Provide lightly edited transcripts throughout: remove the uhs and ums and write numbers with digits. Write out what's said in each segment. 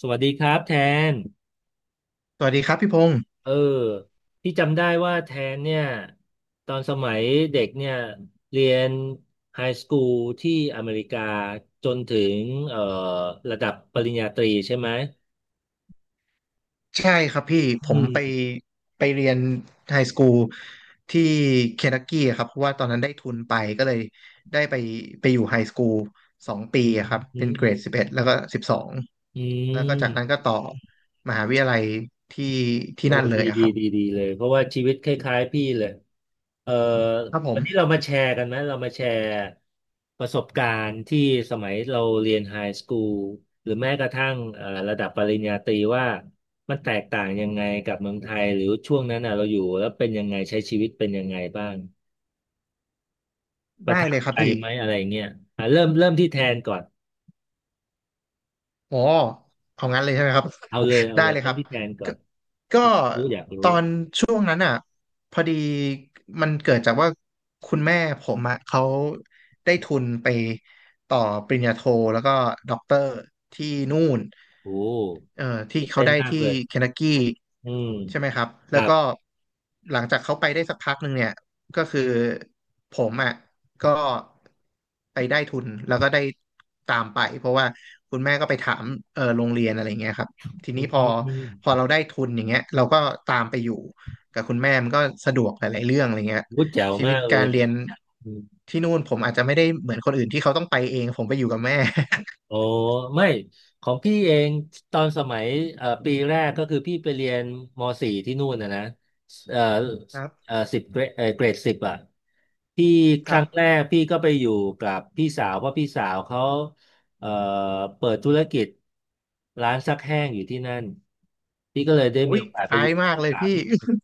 สวัสดีครับแทน สวัสดีครับพี่พงศ์เออ พี่จำได้ว่าแทนเนี่ยตอนสมัยเด็กเนี่ยเรียนไฮสคูลที่อเมริกาจนถึงเอ่อระดับปริญญาตรีใช่ไหมใช่ครับพี่ผอืมไปมไปเรียนไฮสคูลที่เคนทักกี้อะครับเพราะว่าตอนนั้นได้ทุนไปก็เลยได้ไปอยู่ไฮสคูลสองปีอืมอะอืครับเป็นเกรดสิบมเอ็ดแล้วก็12อืแล้วก็จากนั้นม ก็ต่อมหาวิทยาลัยที่ที่โอ้นั่นเลดียอะดีครับดีดีเลยเพราะว่าชีวิตคล้ายๆพี่เลยเอ่อครับผวันนี้เรามมาแชร์กันไหมเรามาแชร์ประสบการณ์ที่สมัยเราเรียนไฮสคูลหรือแม้กระทั่งระดับปริญญาตรีว่ามันแตกต่างยังไงกับเมืองไทยหรือช่วงนั้นน่ะเราอยู่แล้วเป็นยังไงใช้ชีวิตเป็นยังไงบ้างประได้เลทัยบครับใจพี่ ไหมอะไรเงี้ยอ่ะเริ่มเริ่มที่แทนก่อนอ๋อเอางั้นเลยใช่ไหมครับ เอาเลย เอาได้เลยเลยเริ่คมรับที่แทนก่อก็นก็อยากรู้อยากตรู้อนช่วงนั้นอ่ะพอดีมันเกิดจากว่าคุณแม่ผมอ่ะเขาได้ทุนไปต่อปริญญาโทแล้วก็ด็อกเตอร์ที่นู่นโอ้เอ่อที่ตื่นเขาเต้นได้มากที่เลยเคน n ักกี้ อืมใช่ไหมครับคแล้รัวบก็หลังจากเขาไปได้สักพักหนึ่งเนี่ยก็คือผมอ่ะก็ไปได้ทุนแล้วก็ได้ตามไปเพราะว่าคุณแม่ก็ไปถามเออโรงเรียนอะไรเงี้ยครับทีอนี้พอืม เราได้ทุนอย่างเงี้ยเราก็ตามไปอยู่กับคุณแม่มันก็สะดวกหลายๆเรื่องอะไรเงี้ยพูดแจ๋วชีวิมาตกเลการยเรียนอมที่นู่นผมอาจจะไม่ได้เหมือนคนอื่นที่เขาต้องไปเองผมไปอยู่กับแม่ โอ้ไม่ของพี่เอง ตอนสมัยปีแรกก็คือพี่ไปเรียนม.4ที่นู่นนะนะเอ่อ ครัเอ่อบสิบเกรดเอ่อเกรด 10อ่ะพี่คครัรั้งแรบกพี่ก็ไปอยู่กับพี่สาวเพราะพี่สาวเขาเอ่อเปิดธุรกิจร้านซักแห้งอยู่ที่นั่น พี่ก็เลยได้มีอุ้ย โอกาส คไปล้าอยยู่กับมากพี่เลยสาวพี่ที่นู่น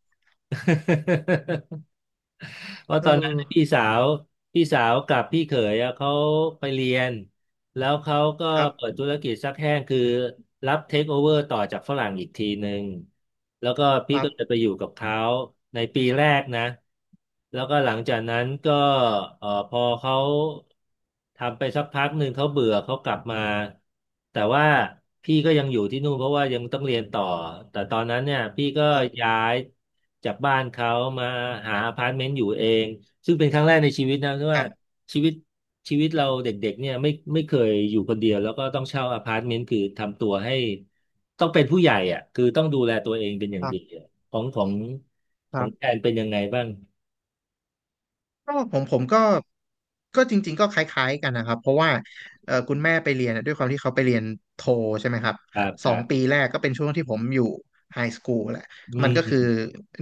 เพราะเอตอนนั้นอพี่สาวกับพี่เขยอะเขาไปเรียน แล้วเขาก็ครัเปิบดธุรกิจซักแห้งคือรับเทคโอเวอร์ต่อจากฝรั่งอีกทีหนึ่งแล้วก็คพี่รัก็เลยบไปอยู่กับเขาในปีแรกนะแล้วก็หลังจากนั้นก็พอเขาทำไปสักพักหนึ่งเขาเบื่อเขากลับมาแต่ว่าพี่ก็ยังอยู่ที่นู่นเพราะว่ายังต้องเรียนต่อแต่ตอนนั้นเนี่ยพี่ก็ครับย้ายจากบ้านเขามาหาอพาร์ตเมนต์อยู่เองซึ่งเป็นครั้งแรกในชีวิตนะที่คว่า รับ ชีวิตชีวิตเราเด็กๆเนี่ยไม่เคยอยู่คนเดียวแล้วก็ต้องเช่าอพาร์ตเมนต์คือทำตัวให้ต้องเป็นผู้ใหญ่อ่ะคือต้องดูแลตัวเองเป็นอย่าคงรัดีบอะของของคขอรังแอบนเป็นยังไงบ้างก็ผมก็จริงๆก็คล้ายๆกันนะครับเพราะว่าคุณแม่ไปเรียนอะด้วยความที่เขาไปเรียนโทใช่ไหมครับครับคสอรังปีบแรกก็เป็นช่วงที่ผมอยู่ไฮสคูลแหละอืมันก็คือม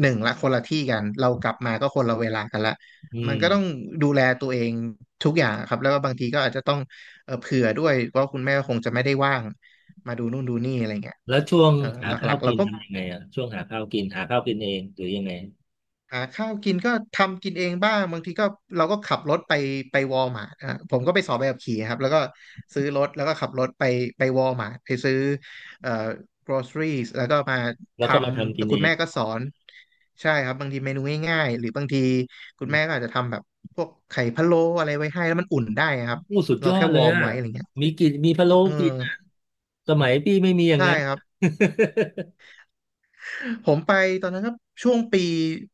หนึ่งละคนละที่กันเรากลับมาก็คนละเวลากันละอืมันก็ต้องมดูแลตัวเองทุกอย่างครับแล้วก็บางทีก็อาจจะต้องเผื่อด้วยว่าคุณแม่คงจะไม่ได้ว่างมาดูนู่นดูนี่อะไรเงี้ยแล้วช่วงหหาข้าลัวกๆเรากินก็ ทำยังไงอ่ะช่วงหาข้าวกินหาข้าวกินเองหรือยังไงหาข้าวกินก็ทำกินเองบ้างบางทีก็เราก็ขับรถไปวอลมาร์ทอ่ะผมก็ไปสอบใบขับขี่ครับแล้วก็ซื้อรถแล้วก็ขับรถไปวอลมาร์ทไปซื้อเอ่อ groceries แล้วก็มาทแล้วก็มาทำำกิแล้วนเอคุณงแม่ก็สอนใช่ครับบางทีเมนูง่ายๆหรือบางทีคุณอูแม่ก็อาจจะทำแบบพวกไข่พะโล้อะไรไว้ให้แล้วมันอุ่นได้ครับ้สุดเรายอแค่ดเลวอยร์มอ่ะไว้อะไรเงี้ยมีกินมีพะโล้เออกินอ่ะสมัยพี่ไม่มีอย่างใช่นั้นครับ ผมไปตอนนั้นก็ช่วงปี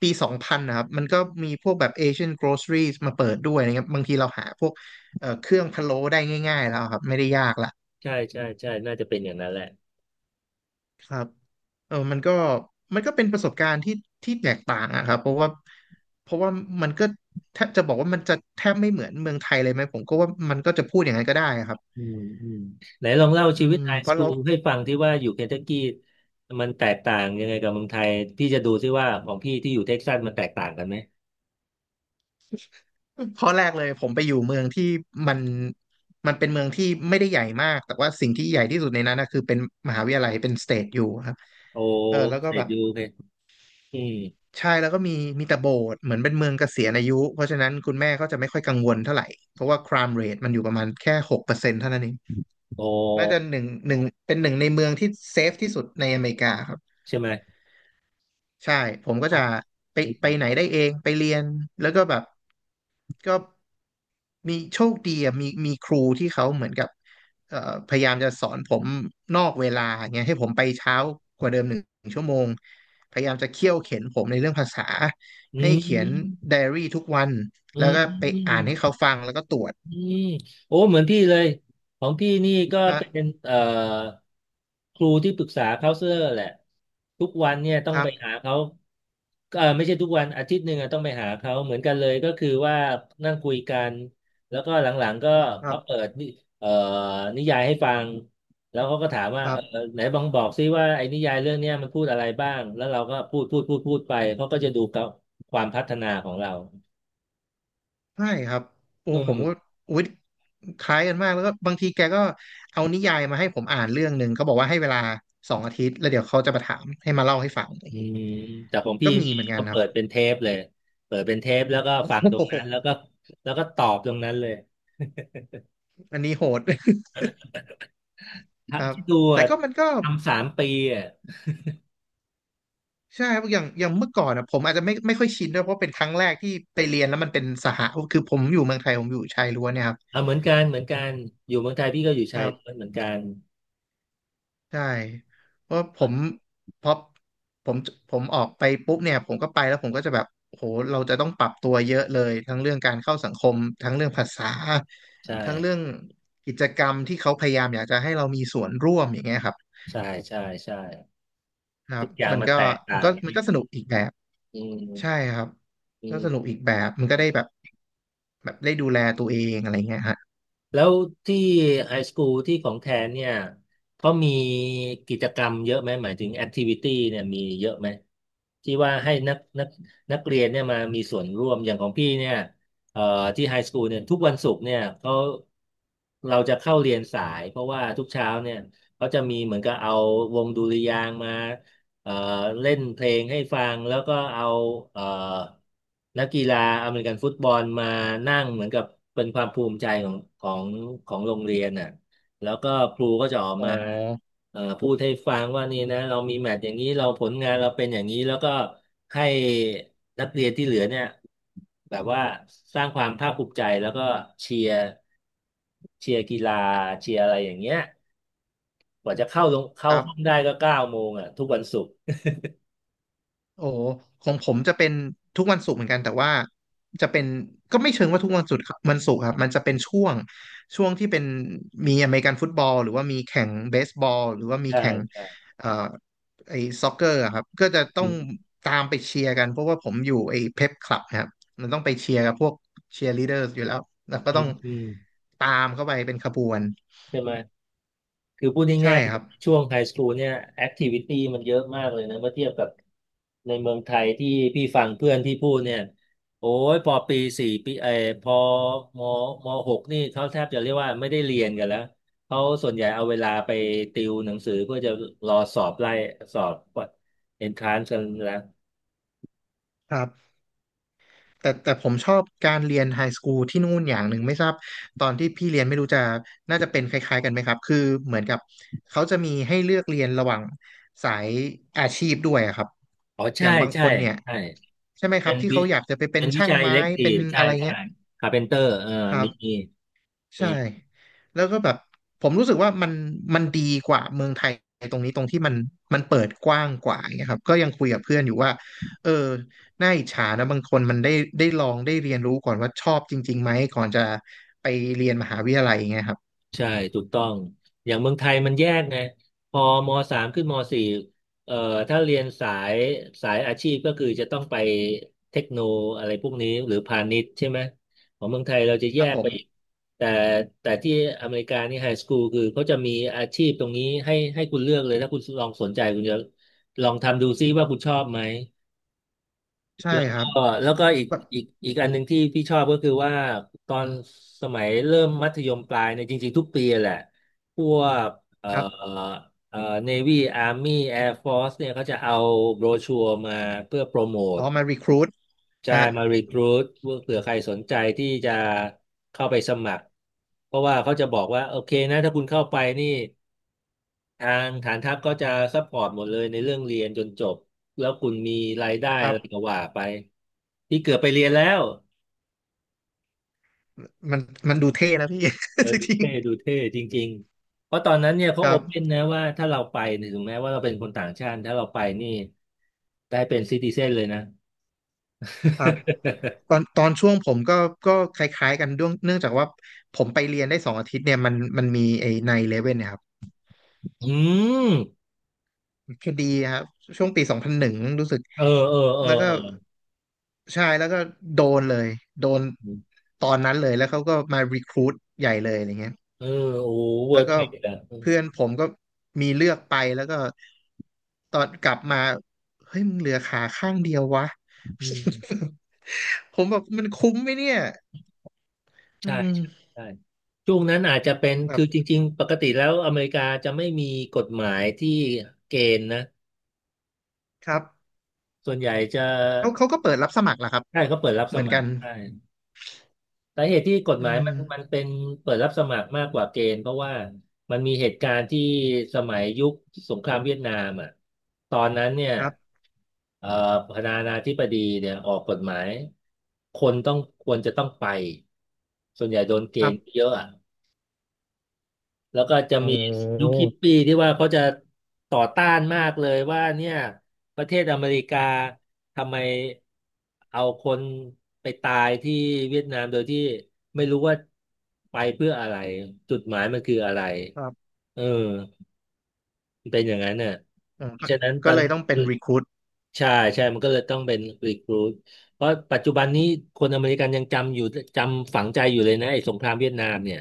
ปี2000นะครับมันก็มีพวกแบบ Asian Groceries มาเปิดด้วยนะครับบางทีเราหาพวกเครื่องพะโล้ได้ง่ายๆแล้วครับไม่ได้ยากละใช่ใช่ใช่น่าจะเป็นอย่างนั้นแหละ ครับเออมันก็เป็นประสบการณ์ที่ที่แตกต่างอะครับเพราะว่ามันก็แทบจะบอกว่ามันจะแทบไม่เหมือนเมืองไทยเลยไหมผมก็ว่ามันก็จะพูดอย่างนั้นก็ได้ครับอืมอืมไหนลองเล่าอืชีวิตมไอเพสราะคูเรา ลให้ฟังที่ว่าอยู่เคนทักกี้มันแตกต่างยังไงกับเมืองไทยพี่จะดูที่ว่าของพี่ที่อยู่เท็กซัสมันแตกต่างกันไหมข้อแรกเลยผมไปอยู่เมืองที่มันมันเป็นเมืองที่ไม่ได้ใหญ่มากแต่ว่าสิ่งที่ใหญ่ที่สุดในนั้นนะคือเป็นมหาวิทยาลัยเป็นสเตทอยู่ครับโอเออแล้วก็เสร็แบจบดูเลยอืมใช่แล้วก็มีแต่โบสถ์เหมือนเป็นเมืองเกษียณอายุเพราะฉะนั้นคุณแม่ก็จะไม่ค่อยกังวลเท่าไหร่เพราะว่า crime rate มันอยู่ประมาณแค่6%เท่านั้นเองโน่าจะอหนึ่งเป็นหนึ่งในเมืองที่เซฟที่สุดในอเมริกาครับ ใช่ไหมใช่ ผมก็จะไปไหนได้เอง ไปเรียน แล้วก็แบบก็มีโชคดีอะมีครูที่เขาเหมือนกับเอ่อพยายามจะสอนผมนอกเวลาเงี้ยให้ผมไปเช้ากว่าเดิม1 ชั่วโมง พยายามจะเคี่ยวเข็นผมในเรื่องภาษาอืให้เขียนมไดอารี่ทุกวัน อืแล้วมก็อืไปม อ่านให้เขาฟังแล้วก็ตรวจอืมโอ้เหมือนพี่เลยของพี่นี่ก็เป็นนะครูที่ปรึกษาเคาเซอร์แหละทุกวันเนี่ยต้อคงรัไปหาบเขาเออไม่ใช่ทุกวันอาทิตย์หนึ่งอะต้องไปหาเขาเหมือนกันเลยก็คือว่านั่งคุยกันแล้วก็หลังๆก็ครัเขาเปิบดนิเอ่อนิยายให้ฟังแล้วเขาก็ถามคว่ารัเออบ ไหนบองบอกซิว่าไอ้นิยายเรื่องเนี้ยมันพูดอะไรบ้างแล้วเราก็พูดพูดพูดพูดไปเขาก็จะดูกับความพัฒนาของเราใช่ครับโอ้อืผม มก็อุ๊ยคล้ายกันมากแล้วก็บางทีแกก็เอานิยายมาให้ผมอ่านเรื่องหนึ่งก็บอกว่าให้เวลา2 อาทิตย์แล้วเดี๋ยวเขาจะมาถามให้มาเล่าให้ฟังอะไรอืเงี้ยมแต่ของก็พี่มีนี่เหมือนกันก็ครัเปิบ ดเป็นเทปเลยเปิดเป็นเทปแล้วก็ฟัง ตรงโอ้โหนั้นแล้วก็ตอบตรงนั้นเลยอันนี้โหด ถ้าครับคิดดูแต่อะก็มันก็ทำ3 ปีอ่ะใช่ครับอย่างเมื่อก่อนนะผมอาจจะไม่ค่อยชินด้วยเพราะเป็นครั้งแรกที่ไปเรียนแล้วมันเป็นสหะคือผมอยู่เมืองไทยผมอยู่ชายล้วนเนี่ยครัเอาเหมือนกันเหมือนกันอยู่เมืองไทยพี่ก็อยู่ชายบ ล้วนเหมือนกันใช่เพราะผมพอผมผมออกไปปุ๊บเนี่ยผมก็ไปแล้วผมก็จะแบบโหเราจะต้องปรับตัวเยอะเลยทั้งเรื่องการเข้าสังคมทั้งเรื่องภาษาใช่ทั้งเรื่องกิจกรรมที่เขาพยายามอยากจะให้เรามีส่วนร่วมอย่างเงี้ยครับใช่ใช่ใช่ครัทุบกอย่างมันมันก็แตกมันต่าก็งมันก็สนุกอีกแบบอืใช่มครับอืก็สนุกม อีกแบบมันก็ได้แบบแบบได้ดูแลตัวเองอะไรเงี้ยฮะแล้วที่ไฮสคูลที่ของแทนเนี่ยเขามีกิจกรรมเยอะไหมหมายถึงแอคทิวิตี้เนี่ยมีเยอะไหมที่ว่าให้นักเรียนเนี่ยมามีส่วนร่วมอย่างของพี่เนี่ยเอ่อที่ไฮสคูลเนี่ยทุกวันศุกร์เนี่ยเขาเราจะเข้าเรียนสายเพราะว่าทุกเช้าเนี่ยเขาจะมีเหมือนกับเอาวงดุริยางค์มา เอ่อเล่นเพลงให้ฟังแล้วก็เอาเอ่อนักกีฬาอเมริกันฟุตบอลมานั่งเหมือนกับเป็นความภูมิใจของโรงเรียนน่ะแล้วก็ครูก็จะออกอ๋อมาพูดให้ฟังว่านี่นะเรามีแมตช์อย่างนี้เราผลงานเราเป็นอย่างนี้แล้วก็ให้นักเรียนที่เหลือเนี่ยแบบว่าสร้างความภาคภูมิใจแล้วก็เชียร์เชียร์กีฬาเชียร์อะไรอย่างเงี้ยกว่าจะเข้าลงคเข้ารัห้องได้บ ก็9 โมงอ่ะทุกวันศุกร์ โอ้ของผมจะเป็นทุกวันศุกร์เหมือนกันแต่ว่าจะเป็นก็ไม่เชิงว่าทุกวันศุกร์ครับวันศุกร์ครับมันจะเป็นช่วงที่เป็นมีอเมริกันฟุตบอลหรือว่ามีแข่งเบสบอลหรือว่ามีใช่แข่งใช่เอ่อไอ้ซ็อกเกอร์ครับก็จะต้อืองมตามไปเชียร์กันเพราะว่าผมอยู่ไอ้เพปคลับนะครับมันต้องไปเชียร์กับพวกเชียร์ลีดเดอร์อยู่แล้วแล้วก็อืต้องมอืมตามเข้าไปเป็นขบวนใช่ไหมคือพูดใช่ง่ายครับๆช่วงไฮสคูลเนี่ยแอคทิวิตี้มันเยอะมากเลยนะเมื่อเทียบกับในเมืองไทยที่พี่ฟังเพื่อนที่พูดเนี่ยโอ้ยพอปีสี่ปีพอมหกนี่เขาแทบจะเรียกว่าไม่ได้เรียนกันแล้วเขาส่วนใหญ่เอาเวลาไปติวหนังสือเพื่อจะรอสอบไล่สอบเอนทรานซ์กันแล้วครับ แต่ผมชอบการเรียนไฮสคูลที่นู่นอย่างหนึ่งไม่ทราบตอนที่พี่เรียนไม่รู้จะน่าจะเป็นคล้ายๆกันไหมครับคือเหมือนกับเขาจะมีให้เลือกเรียนระหว่างสายอาชีพด้วยอะครับอ๋ออใช่ย่างบางคใช่นเนี่ยใช่ใช่ไหมคเป็รับนที่วิเขาอยากจะไปเป็นเป็นวิช่างจัยไม้เล็กทีเป็นฟใช่อะไรเงี้ใช่ยคาเพนเตอร์ครับ มีมี ใช่แล้วก็แบบผมรู้สึกว่ามันมันดีกว่าเมืองไทยตรงนี้ตรงที่มันมันเปิดกว้างกว่าอย่างเงี้ยครับก็ยังคุยกับเพื่อนอยู่ว่าเออน่าอิจฉานะบางคนมันได้ได้ลองได้เรียนรู้ก่อนว่าชอบจริงๆไหมก่อนจะไปเรียนมหาวิทยาลัยอย่างเงี้ยครับใช่ถูกต้องอย่างเมืองไทยมันแยกไงพอมสามขึ้นมสี่เอ่อถ้าเรียนสายสายอาชีพก็คือจะต้องไปเทคโนอะไรพวกนี้หรือพาณิชย์ใช่ไหมของเมืองไทยเราจะคแยรับกผไปมอีกแต่แต่ที่อเมริกานี่ไฮสคูลคือเขาจะมีอาชีพตรงนี้ให้ให้คุณเลือกเลยถ้าคุณลองสนใจคุณจะลองทำดูซิว่าคุณชอบไหม ใช่แล้วครับก็แล้วก็อีกแบบอีกอันหนึ่งที่พี่ชอบก็คือว่าตอนสมัยเริ่มมัธยมปลายเนี่ยจริงๆทุกปีแหละพวกเอ่อครับเอ่อเนวี่อาร์มี่แอร์ฟอสเนี่ยเขาจะเอาโบรชัวร์มาเพื่อโปรโมทอ๋อมารีครูทใช่ฮะมารีครูทเผื่อใครสนใจที่จะเข้าไปสมัครเพราะว่าเขาจะบอกว่าโอเคนะถ้าคุณเข้าไปนี่ ทางฐานทัพก็จะซัพพอร์ตหมดเลยในเรื่องเรียนจนจบแล้วคุณมีรายได้คอะรับไรก็ว่าไปที่เกือบไปเรียนแล้วมันมันดูเท่นะพี่ เอ อจดูริงเท่ดูเท่จริงๆเพราะตอนนั้นเนี่ยๆเขาคโอรับ เพ่นนะว่าถ้าเราไปเนี่ยถึงแม้ว่าเราเป็นคนต่างชาติถ้าเราไปนี่ได้เป็นซิติเซนเลยนะ ครับตอนช่วงผมก็ก็คล้ายๆกันด้วยเนื่องจากว่าผมไปเรียนได้สองอาทิตย์เนี่ยมันมีไอ้ไนเลเว่นเนี่ยครับ อืมคดีครับช่วงปีสองพันหนึ่งรู้สึกเออเออแล้วก็ใช่แล้วก็โดนเลยโดนอตอนนั้นเลยแล้วเขาก็มารีครู t ใหญ่เลยอะไรเงี้ยเออโอ้เวอแล้วร์เทก็รดอ่ะเพื่อนผมก็มีเลือกไปแล้วก็ตอนกลับมาเฮ้ยมึงเหลือขาข้างเดียววะ อืม ผมแบบมันคุ้มไหมเนี่ยอืใช่ใช่ม ใช่ช่วงนั้นอาจจะเป็นคือจริงๆปกติแล้วอเมริกาจะไม่มีกฎหมายที่เกณฑ์นะครับส่วนใหญ่จะเขาก็เปิดรับสมัครแหละครับใช่เขาเปิดรับสเหมือนมักัคนรใช่สาเหตุที่กฎอืหมายมันมันมเป็นเปิดรับสมัครมากกว่าเกณฑ์เพราะว่ามันมีเหตุการณ์ที่สมัยยุคสงครามเวียดนามอ่ะตอนนั้นเนี่ยครับเอ่อประธานาธิบดีเนี่ยออกกฎหมายคนต้องควรจะต้องไปส่วนใหญ่โดนเกครัณฑ์บเยอะอะ แล้วก็จะโอมียุ้คฮิปปี้ที่ว่าเขาจะต่อต้านมากเลยว่าเนี่ยประเทศอเมริกาทำไมเอาคนไปตายที่เวียดนามโดยที่ไม่รู้ว่าไปเพื่ออะไรจุดหมายมันคืออะไรครับเออมันเป็นอย่างนั้นน่ะอืมเพราะก็ฉะนั้นตก็อนเลยต้องเป็นรีคู t ใช่ใช่มันก็เลยต้องเป็นรีครูทเพราะปัจจุบันนี้คนอเมริกันยังจำอยู่จำฝังใจอยู่เลยนะไอ้สงครามเวียดนามเนี่ย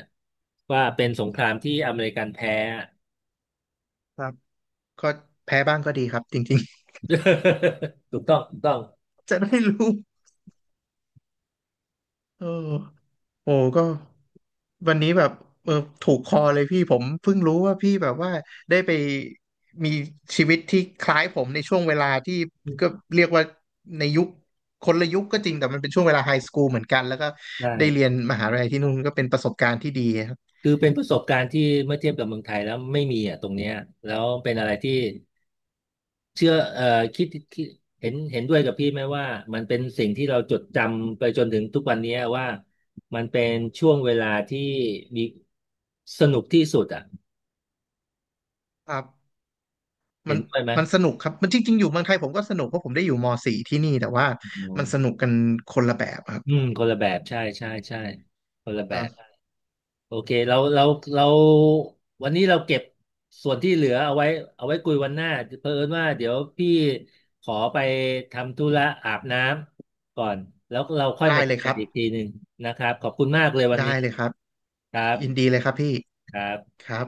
ว่าเป็นสงครามที่อเมริกันแพ้ ครับก็แพ้บ้างก็ดีครับจริง ถูกต้องถูกต้องๆ จะได้รู้เออโอ้ก็วันนี้แบบเออถูกคอเลยพี่ผมเพิ่งรู้ว่าพี่แบบว่าได้ไปมีชีวิตที่คล้ายผมในช่วงเวลาที่ก็เรียกว่าในยุคคนละยุคก็จริงแต่มันเป็นช่วงเวลาไฮสคูลเหมือนกันแล้วก็ใชได้เรียน่มหาลัยที่นู่นก็เป็นประสบการณ์ที่ดี คือเป็นประสบการณ์ที่เมื่อเทียบกับเมืองไทยแล้วไม่มีอ่ะตรงเนี้ยแล้วเป็นอะไรที่เชื่อคิดคิดเห็นเห็นด้วยกับพี่ไหมว่ามันเป็นสิ่งที่เราจดจำไปจนถึงทุกวันเนี้ยว่ามันเป็นช่วงเวลาที่มีสนุกที่สุดอ่ะครับเห็มันนด้วยไหมมันสนุกครับมันจริงๆอยู่เมืองไทยผมก็สนุกเพราะผมได้อยู่ม .4 ที่นี่แต่ว่าอืมันสนุมกกันคนละแบบครับอืมคนละแบบใช่ ใช่ใช่คนละแบอ่บ าโอเคเราเราเราวันนี้เราเก็บส่วนที่เหลือเอาไว้เอาไว้คุยวันหน้าเผอิญว่าเดี๋ยวพี่ขอไปทำธุระอาบน้ำก่อนแล้วเราค่อยได้มาเจเลอยคกันรับอีกทีหนึ่งนะครับขอบคุณมากเลยวันได้นี้เลยครับครับยินดีเลยครับพี่ครับครับ